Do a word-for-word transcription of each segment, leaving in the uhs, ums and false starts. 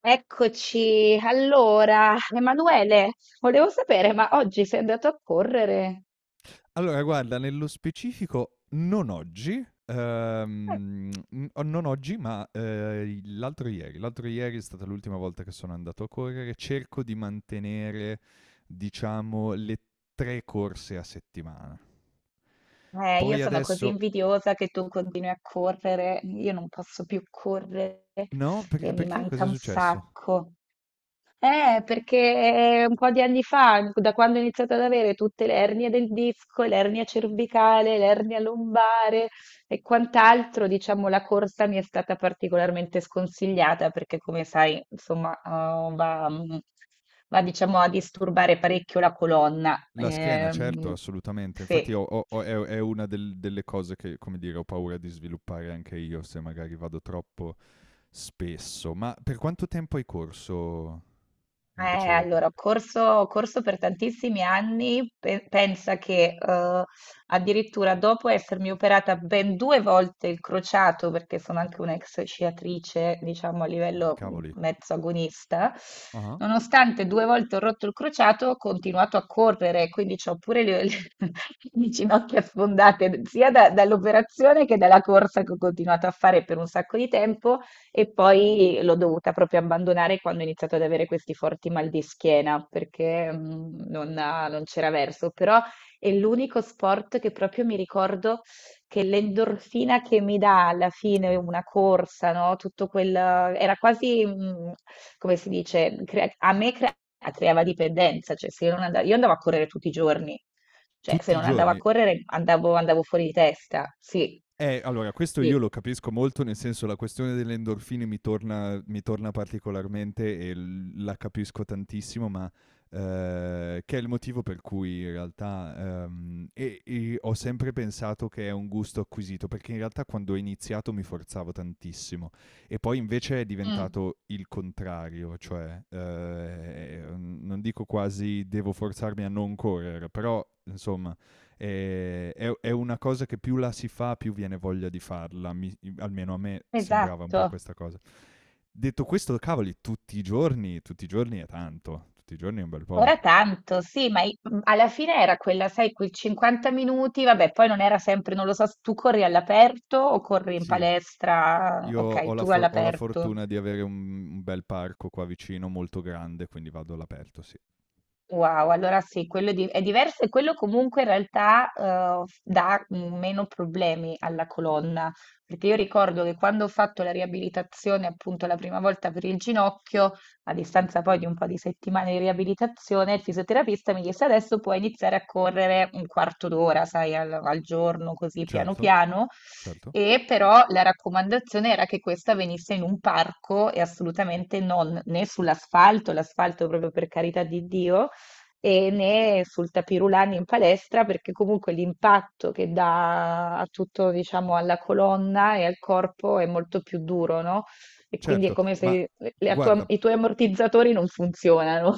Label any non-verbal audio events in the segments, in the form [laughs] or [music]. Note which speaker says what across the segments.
Speaker 1: Eccoci, allora, Emanuele, volevo sapere, ma oggi sei andato a correre?
Speaker 2: Allora guarda, nello specifico non oggi, ehm, n non oggi, ma, ehm, l'altro ieri. L'altro ieri è stata l'ultima volta che sono andato a correre. Cerco di mantenere, diciamo, le tre corse a settimana.
Speaker 1: Eh, io
Speaker 2: Poi
Speaker 1: sono così
Speaker 2: adesso
Speaker 1: invidiosa che tu continui a correre, io non posso più correre
Speaker 2: no, per
Speaker 1: e mi
Speaker 2: perché?
Speaker 1: manca
Speaker 2: Cos'è
Speaker 1: un
Speaker 2: successo?
Speaker 1: sacco. Eh, perché eh, un po' di anni fa, da quando ho iniziato ad avere tutte le ernie del disco, l'ernia cervicale, l'ernia lombare e quant'altro, diciamo, la corsa mi è stata particolarmente sconsigliata perché, come sai, insomma, eh, va, mm, va, diciamo, a disturbare parecchio la colonna.
Speaker 2: La schiena, certo,
Speaker 1: Ehm,
Speaker 2: assolutamente. Infatti
Speaker 1: sì.
Speaker 2: ho ho ho è è una del delle cose che, come dire, ho paura di sviluppare anche io se magari vado troppo spesso. Ma per quanto tempo hai corso
Speaker 1: Eh,
Speaker 2: invece?
Speaker 1: allora, ho corso, ho corso per tantissimi anni, pe- pensa che eh, addirittura dopo essermi operata ben due volte il crociato, perché sono anche un'ex sciatrice, diciamo a
Speaker 2: Ah,
Speaker 1: livello mm,
Speaker 2: cavoli.
Speaker 1: mezzo agonista,
Speaker 2: Ah-ah.
Speaker 1: nonostante due volte ho rotto il crociato, ho continuato a correre, quindi ho pure le, le- [laughs] le ginocchia sfondate sia da- dall'operazione che dalla corsa che ho continuato a fare per un sacco di tempo. E poi l'ho dovuta proprio abbandonare quando ho iniziato ad avere questi forti mal di schiena perché mm, non, non c'era verso, però è l'unico sport che proprio mi ricordo che l'endorfina che mi dà alla fine una corsa, no? Tutto quel era quasi, mm, come si dice, crea- a me crea- creava dipendenza, cioè se io non andavo, io andavo a correre tutti i giorni, cioè se
Speaker 2: Tutti i
Speaker 1: non andavo a
Speaker 2: giorni?
Speaker 1: correre andavo, andavo fuori di testa, sì,
Speaker 2: Eh, allora, questo io lo
Speaker 1: sì.
Speaker 2: capisco molto, nel senso la questione delle endorfine mi torna, mi torna particolarmente e l- la capisco tantissimo, ma eh, che è il motivo per cui in realtà ehm, e- e ho sempre pensato che è un gusto acquisito, perché in realtà quando ho iniziato mi forzavo tantissimo e poi invece è
Speaker 1: Mm,
Speaker 2: diventato il contrario, cioè eh, non dico quasi devo forzarmi a non correre, però insomma e- è, è una cosa che più la si fa, più viene voglia di farla. Mi- almeno a me sembrava un po'
Speaker 1: esatto.
Speaker 2: questa cosa. Detto questo, cavoli, tutti i giorni, tutti i giorni è tanto, tutti i giorni è un bel po'.
Speaker 1: Ora tanto, sì, ma i- mh, alla fine era quella, sai, quei cinquanta minuti, vabbè, poi non era sempre, non lo so, tu corri all'aperto o corri in
Speaker 2: Sì,
Speaker 1: palestra,
Speaker 2: io ho
Speaker 1: ok,
Speaker 2: la,
Speaker 1: tu
Speaker 2: for- ho la
Speaker 1: all'aperto.
Speaker 2: fortuna di avere un, un bel parco qua vicino, molto grande, quindi vado all'aperto, sì.
Speaker 1: Wow, allora sì, quello di- è diverso e quello comunque in realtà eh, dà meno problemi alla colonna, perché io ricordo che quando ho fatto la riabilitazione appunto la prima volta per il ginocchio, a distanza poi di un po' di settimane di riabilitazione, il fisioterapista mi disse adesso puoi iniziare a correre un quarto d'ora, sai, al, al giorno, così piano
Speaker 2: Certo,
Speaker 1: piano.
Speaker 2: certo,
Speaker 1: E però la raccomandazione era che questa venisse in un parco e assolutamente non né sull'asfalto, l'asfalto proprio per carità di Dio, e né sul tapirulani in palestra perché comunque l'impatto che dà a tutto, diciamo, alla colonna e al corpo è molto più duro, no? E quindi è
Speaker 2: certo,
Speaker 1: come
Speaker 2: ma
Speaker 1: se la
Speaker 2: guarda,
Speaker 1: tua- i tuoi ammortizzatori non funzionano.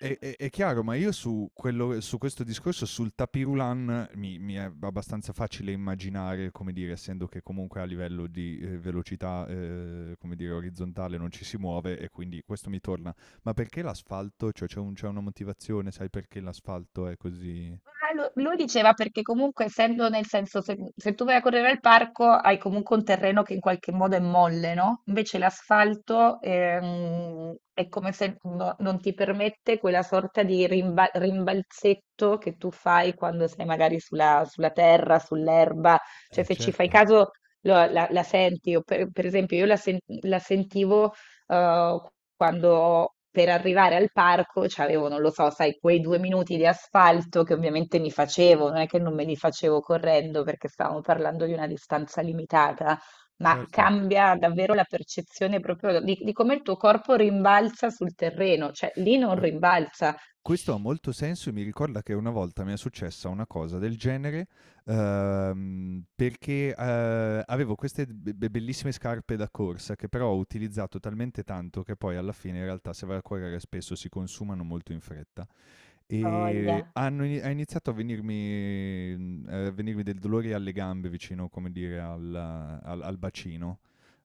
Speaker 2: È, è- è chiaro, ma io su, quello, su questo discorso, sul tapirulan, mi, mi è abbastanza facile immaginare, come dire, essendo che comunque a livello di eh, velocità, eh, come dire, orizzontale non ci si muove e quindi questo mi torna. Ma perché l'asfalto? Cioè c'è un- c'è una motivazione, sai perché l'asfalto è così?
Speaker 1: Ah, lo- lui diceva perché comunque essendo nel senso se, se tu vai a correre al parco hai comunque un terreno che in qualche modo è molle, no? Invece l'asfalto, ehm, è come se no- non ti permette quella sorta di rimba- rimbalzetto che tu fai quando sei magari sulla, sulla terra, sull'erba, cioè
Speaker 2: Eh
Speaker 1: se ci fai
Speaker 2: certo.
Speaker 1: caso lo- la, la senti, o per, per esempio io la, sen- la sentivo eh, quando per arrivare al parco c'avevo, non lo so, sai, quei due minuti di asfalto che ovviamente mi facevo, non è che non me li facevo correndo perché stavamo parlando di una distanza limitata, ma
Speaker 2: Certo.
Speaker 1: cambia davvero la percezione proprio di, di come il tuo corpo rimbalza sul terreno, cioè lì non
Speaker 2: A-
Speaker 1: rimbalza.
Speaker 2: Questo ha molto senso e mi ricorda che una volta mi è successa una cosa del genere, uhm, perché, uhm, avevo queste be be bellissime scarpe da corsa che però ho utilizzato talmente tanto che poi alla fine in realtà se vai a correre spesso si consumano molto in fretta. E
Speaker 1: Voglia.
Speaker 2: hanno ini- ha iniziato a venirmi, mhmm, a venirmi del dolore alle gambe vicino, come dire, al al al bacino,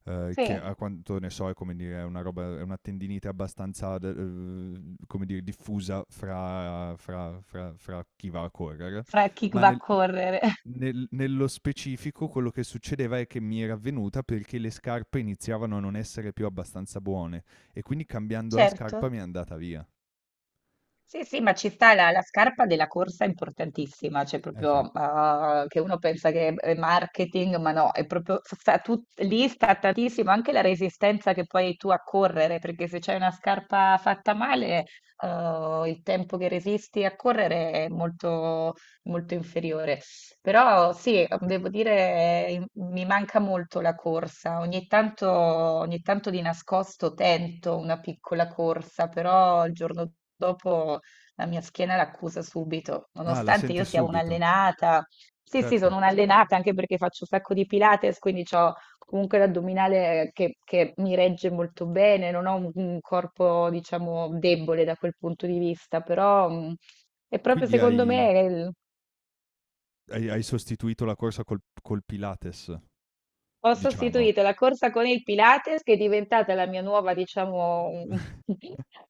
Speaker 2: ehm, che
Speaker 1: Sì,
Speaker 2: a quanto ne so è come dire è una roba è una tendinite abbastanza de uhm, come dire, diffusa fra fra fra fra chi va a correre,
Speaker 1: fra chi
Speaker 2: ma
Speaker 1: va a
Speaker 2: nel
Speaker 1: correre. [laughs]
Speaker 2: nel nello specifico quello che succedeva è che mi era avvenuta perché le scarpe iniziavano a non essere più abbastanza buone e quindi cambiando la
Speaker 1: Certo.
Speaker 2: scarpa mi è andata via.
Speaker 1: Sì, sì, ma ci sta la, la scarpa della corsa è importantissima, cioè
Speaker 2: Eh
Speaker 1: proprio
Speaker 2: sì.
Speaker 1: ah, che uno pensa che è marketing, ma no, è proprio sta tut- lì sta tantissimo anche la resistenza che poi hai tu a correre, perché se c'hai una scarpa fatta male, eh, il tempo che resisti a correre è molto, molto inferiore. Però sì, ehm, devo dire, eh, mi manca molto la corsa. Ogni tanto, ogni tanto di nascosto tento una piccola corsa, però il giorno dopo la mia schiena l'accusa subito,
Speaker 2: Ah, la
Speaker 1: nonostante
Speaker 2: senti
Speaker 1: io sia
Speaker 2: subito.
Speaker 1: un'allenata. Sì, sì,
Speaker 2: Certo.
Speaker 1: sono un'allenata anche perché faccio un sacco di Pilates, quindi ho comunque l'addominale che, che mi regge molto bene, non ho un, un corpo, diciamo, debole da quel punto di vista, però, mm, è proprio
Speaker 2: Quindi
Speaker 1: secondo
Speaker 2: hai
Speaker 1: me.
Speaker 2: hai hai sostituito la corsa col col Pilates,
Speaker 1: Ho
Speaker 2: diciamo.
Speaker 1: sostituito la corsa con il Pilates, che è diventata la mia nuova, diciamo,
Speaker 2: [laughs]
Speaker 1: [laughs]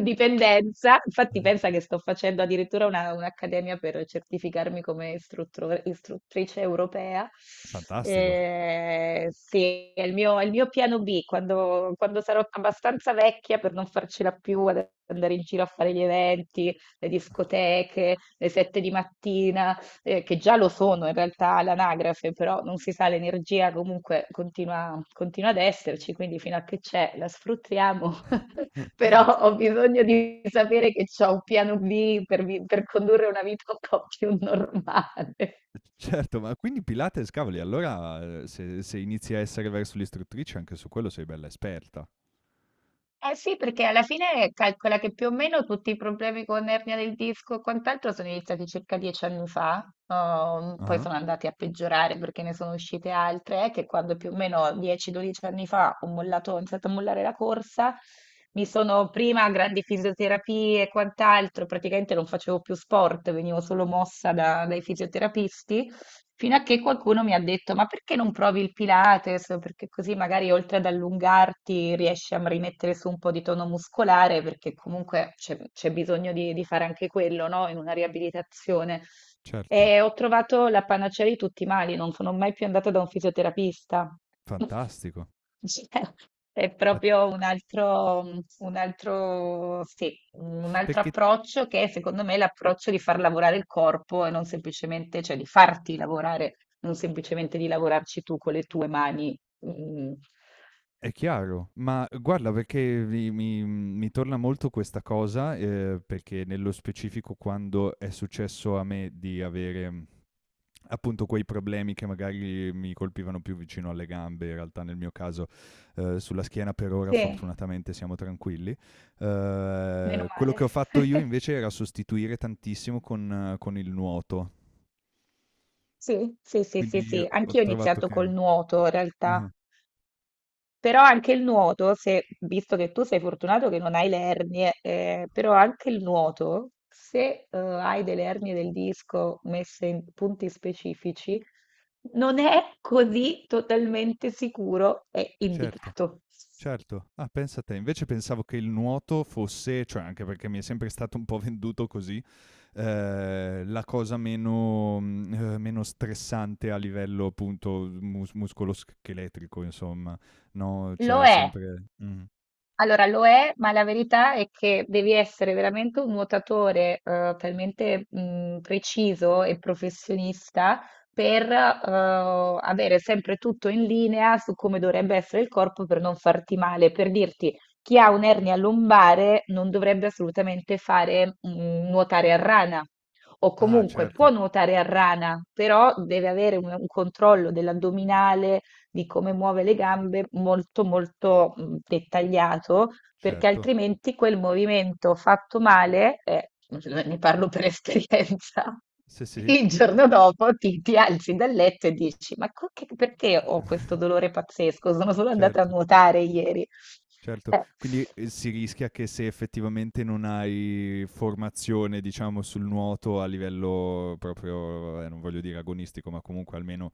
Speaker 1: dipendenza. Infatti, pensa che sto facendo addirittura una- un'accademia per certificarmi come istruttore- istruttrice europea.
Speaker 2: Fantastico.
Speaker 1: Eh sì, è il mio, è il mio piano B. Quando, quando sarò abbastanza vecchia per non farcela più ad andare in giro a fare gli eventi, le discoteche, le sette di mattina, eh, che già lo sono in realtà all'anagrafe, però non si sa, l'energia comunque continua, continua ad esserci, quindi fino a che c'è la sfruttiamo, [laughs] però ho bisogno di sapere che c'ho un piano B per, vi- per condurre una vita un po' più normale.
Speaker 2: Certo, ma quindi Pilates, cavoli, allora, ehm, se se inizi a essere verso l'istruttrice anche su quello sei bella esperta.
Speaker 1: Eh sì, perché alla fine calcola che più o meno tutti i problemi con ernia del disco e quant'altro sono iniziati circa dieci anni fa, ehm, poi
Speaker 2: Ah-ah,
Speaker 1: sono andati a peggiorare perché ne sono uscite altre, eh, che quando più o meno dieci a dodici anni fa ho mollato, ho iniziato a mollare la corsa, mi sono prima a grandi fisioterapie e quant'altro, praticamente non facevo più sport, venivo solo mossa da- dai fisioterapisti. Fino a che qualcuno mi ha detto: ma perché non provi il Pilates? Perché così magari oltre ad allungarti riesci a rimettere su un po' di tono muscolare, perché comunque c'è c'è bisogno di, di fare anche quello, no? In una riabilitazione.
Speaker 2: certo.
Speaker 1: E ho trovato la panacea di tutti i mali, non sono mai più andata da un fisioterapista. [laughs]
Speaker 2: Fantastico.
Speaker 1: [laughs] È
Speaker 2: Ma
Speaker 1: proprio un altro, mhmm, un altro sì, un altro
Speaker 2: perché
Speaker 1: approccio che è, secondo me, l'approccio di far lavorare il corpo e non semplicemente, cioè di farti lavorare, non semplicemente di lavorarci tu con le tue mani. Mh-mh.
Speaker 2: è chiaro, ma guarda perché mi mi mi torna molto questa cosa, ehm, perché nello specifico quando è successo a me di avere appunto quei problemi che magari mi colpivano più vicino alle gambe, in realtà nel mio caso eh, sulla schiena per ora
Speaker 1: Sì,
Speaker 2: fortunatamente siamo tranquilli.
Speaker 1: meno
Speaker 2: Eh, quello che
Speaker 1: male.
Speaker 2: ho fatto io
Speaker 1: [laughs]
Speaker 2: invece era sostituire tantissimo con, eh, con il nuoto,
Speaker 1: Sì, sì, sì, sì,
Speaker 2: quindi
Speaker 1: sì.
Speaker 2: ho
Speaker 1: Anch'io ho
Speaker 2: trovato
Speaker 1: iniziato col
Speaker 2: che...
Speaker 1: nuoto in realtà.
Speaker 2: Ah,
Speaker 1: Però anche il nuoto, se, visto che tu sei fortunato che non hai le ernie, eh, però anche il nuoto, se eh, hai delle ernie del disco messe in punti specifici, non è così totalmente sicuro e
Speaker 2: certo.
Speaker 1: indicato.
Speaker 2: Certo, ah pensa te, invece pensavo che il nuoto fosse, cioè anche perché mi è sempre stato un po' [laughs] venduto così eh, la cosa meno, mm, eh, meno stressante a livello appunto mus- muscoloscheletrico, insomma, no?
Speaker 1: Lo
Speaker 2: Cioè
Speaker 1: è.
Speaker 2: sempre... Mh.
Speaker 1: Allora lo è, ma la verità è che devi essere veramente un nuotatore eh, talmente mh, preciso e professionista per eh, avere sempre tutto in linea su come dovrebbe essere il corpo per non farti male. Per dirti, chi ha un'ernia lombare non dovrebbe assolutamente fare, mh, nuotare a rana. O
Speaker 2: Ah
Speaker 1: comunque
Speaker 2: certo,
Speaker 1: può nuotare a rana, però deve avere un un controllo dell'addominale, di come muove le gambe molto molto mh, dettagliato, perché
Speaker 2: certo.
Speaker 1: altrimenti quel movimento fatto male, eh, ne parlo per esperienza,
Speaker 2: Sì,
Speaker 1: [laughs]
Speaker 2: sì.
Speaker 1: il giorno dopo ti, ti alzi dal letto e dici, ma co- che- perché ho questo
Speaker 2: [laughs]
Speaker 1: dolore pazzesco? Sono solo andata a
Speaker 2: Certo.
Speaker 1: nuotare ieri.
Speaker 2: Certo,
Speaker 1: Eh,
Speaker 2: quindi, ehm, si rischia che se effettivamente non hai formazione, diciamo, sul nuoto a livello proprio, vabbè, non voglio dire agonistico, ma comunque almeno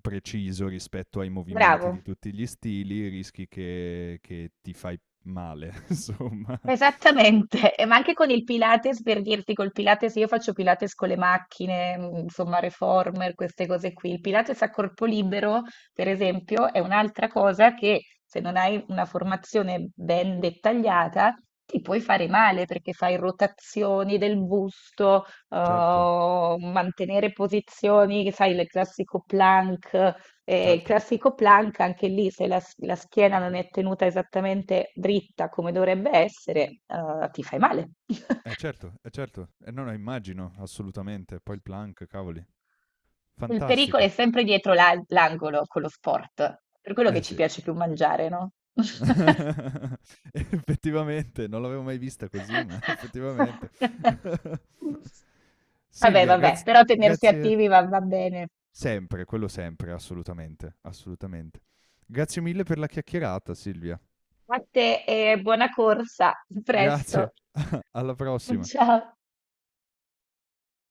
Speaker 2: preciso rispetto ai movimenti di
Speaker 1: Bravo.
Speaker 2: tutti gli stili, rischi che che ti fai male, [laughs] insomma.
Speaker 1: Esattamente, [laughs] e ma anche con il Pilates, per dirti, col Pilates io faccio Pilates con le macchine, mm, insomma, reformer, queste cose qui. Il Pilates a corpo libero, per esempio, è un'altra cosa che se non hai una formazione ben dettagliata ti puoi fare male perché fai rotazioni del busto,
Speaker 2: Certo,
Speaker 1: eh, mantenere posizioni, sai, il classico plank. Eh, il
Speaker 2: certo.
Speaker 1: classico plank, anche lì, se la, la schiena non è tenuta esattamente dritta come dovrebbe essere, eh, ti fai male.
Speaker 2: Eh
Speaker 1: [laughs]
Speaker 2: certo, eh certo. Eh no, no, immagino, assolutamente. Poi il plank, cavoli,
Speaker 1: Il pericolo è
Speaker 2: fantastico.
Speaker 1: sempre dietro la- l'angolo con lo sport, per quello
Speaker 2: Eh
Speaker 1: che ci
Speaker 2: sì.
Speaker 1: piace più mangiare, no?
Speaker 2: [laughs] Effettivamente, non l'avevo mai vista così, ma [laughs] effettivamente.
Speaker 1: [laughs]
Speaker 2: [laughs]
Speaker 1: Vabbè,
Speaker 2: Silvia,
Speaker 1: vabbè,
Speaker 2: graz-
Speaker 1: però tenersi
Speaker 2: grazie
Speaker 1: attivi va, va bene.
Speaker 2: sempre, quello sempre, assolutamente, assolutamente. Grazie mille per la chiacchierata, Silvia.
Speaker 1: A te e buona corsa, a presto.
Speaker 2: Grazie, alla
Speaker 1: [laughs]
Speaker 2: prossima.
Speaker 1: Ciao.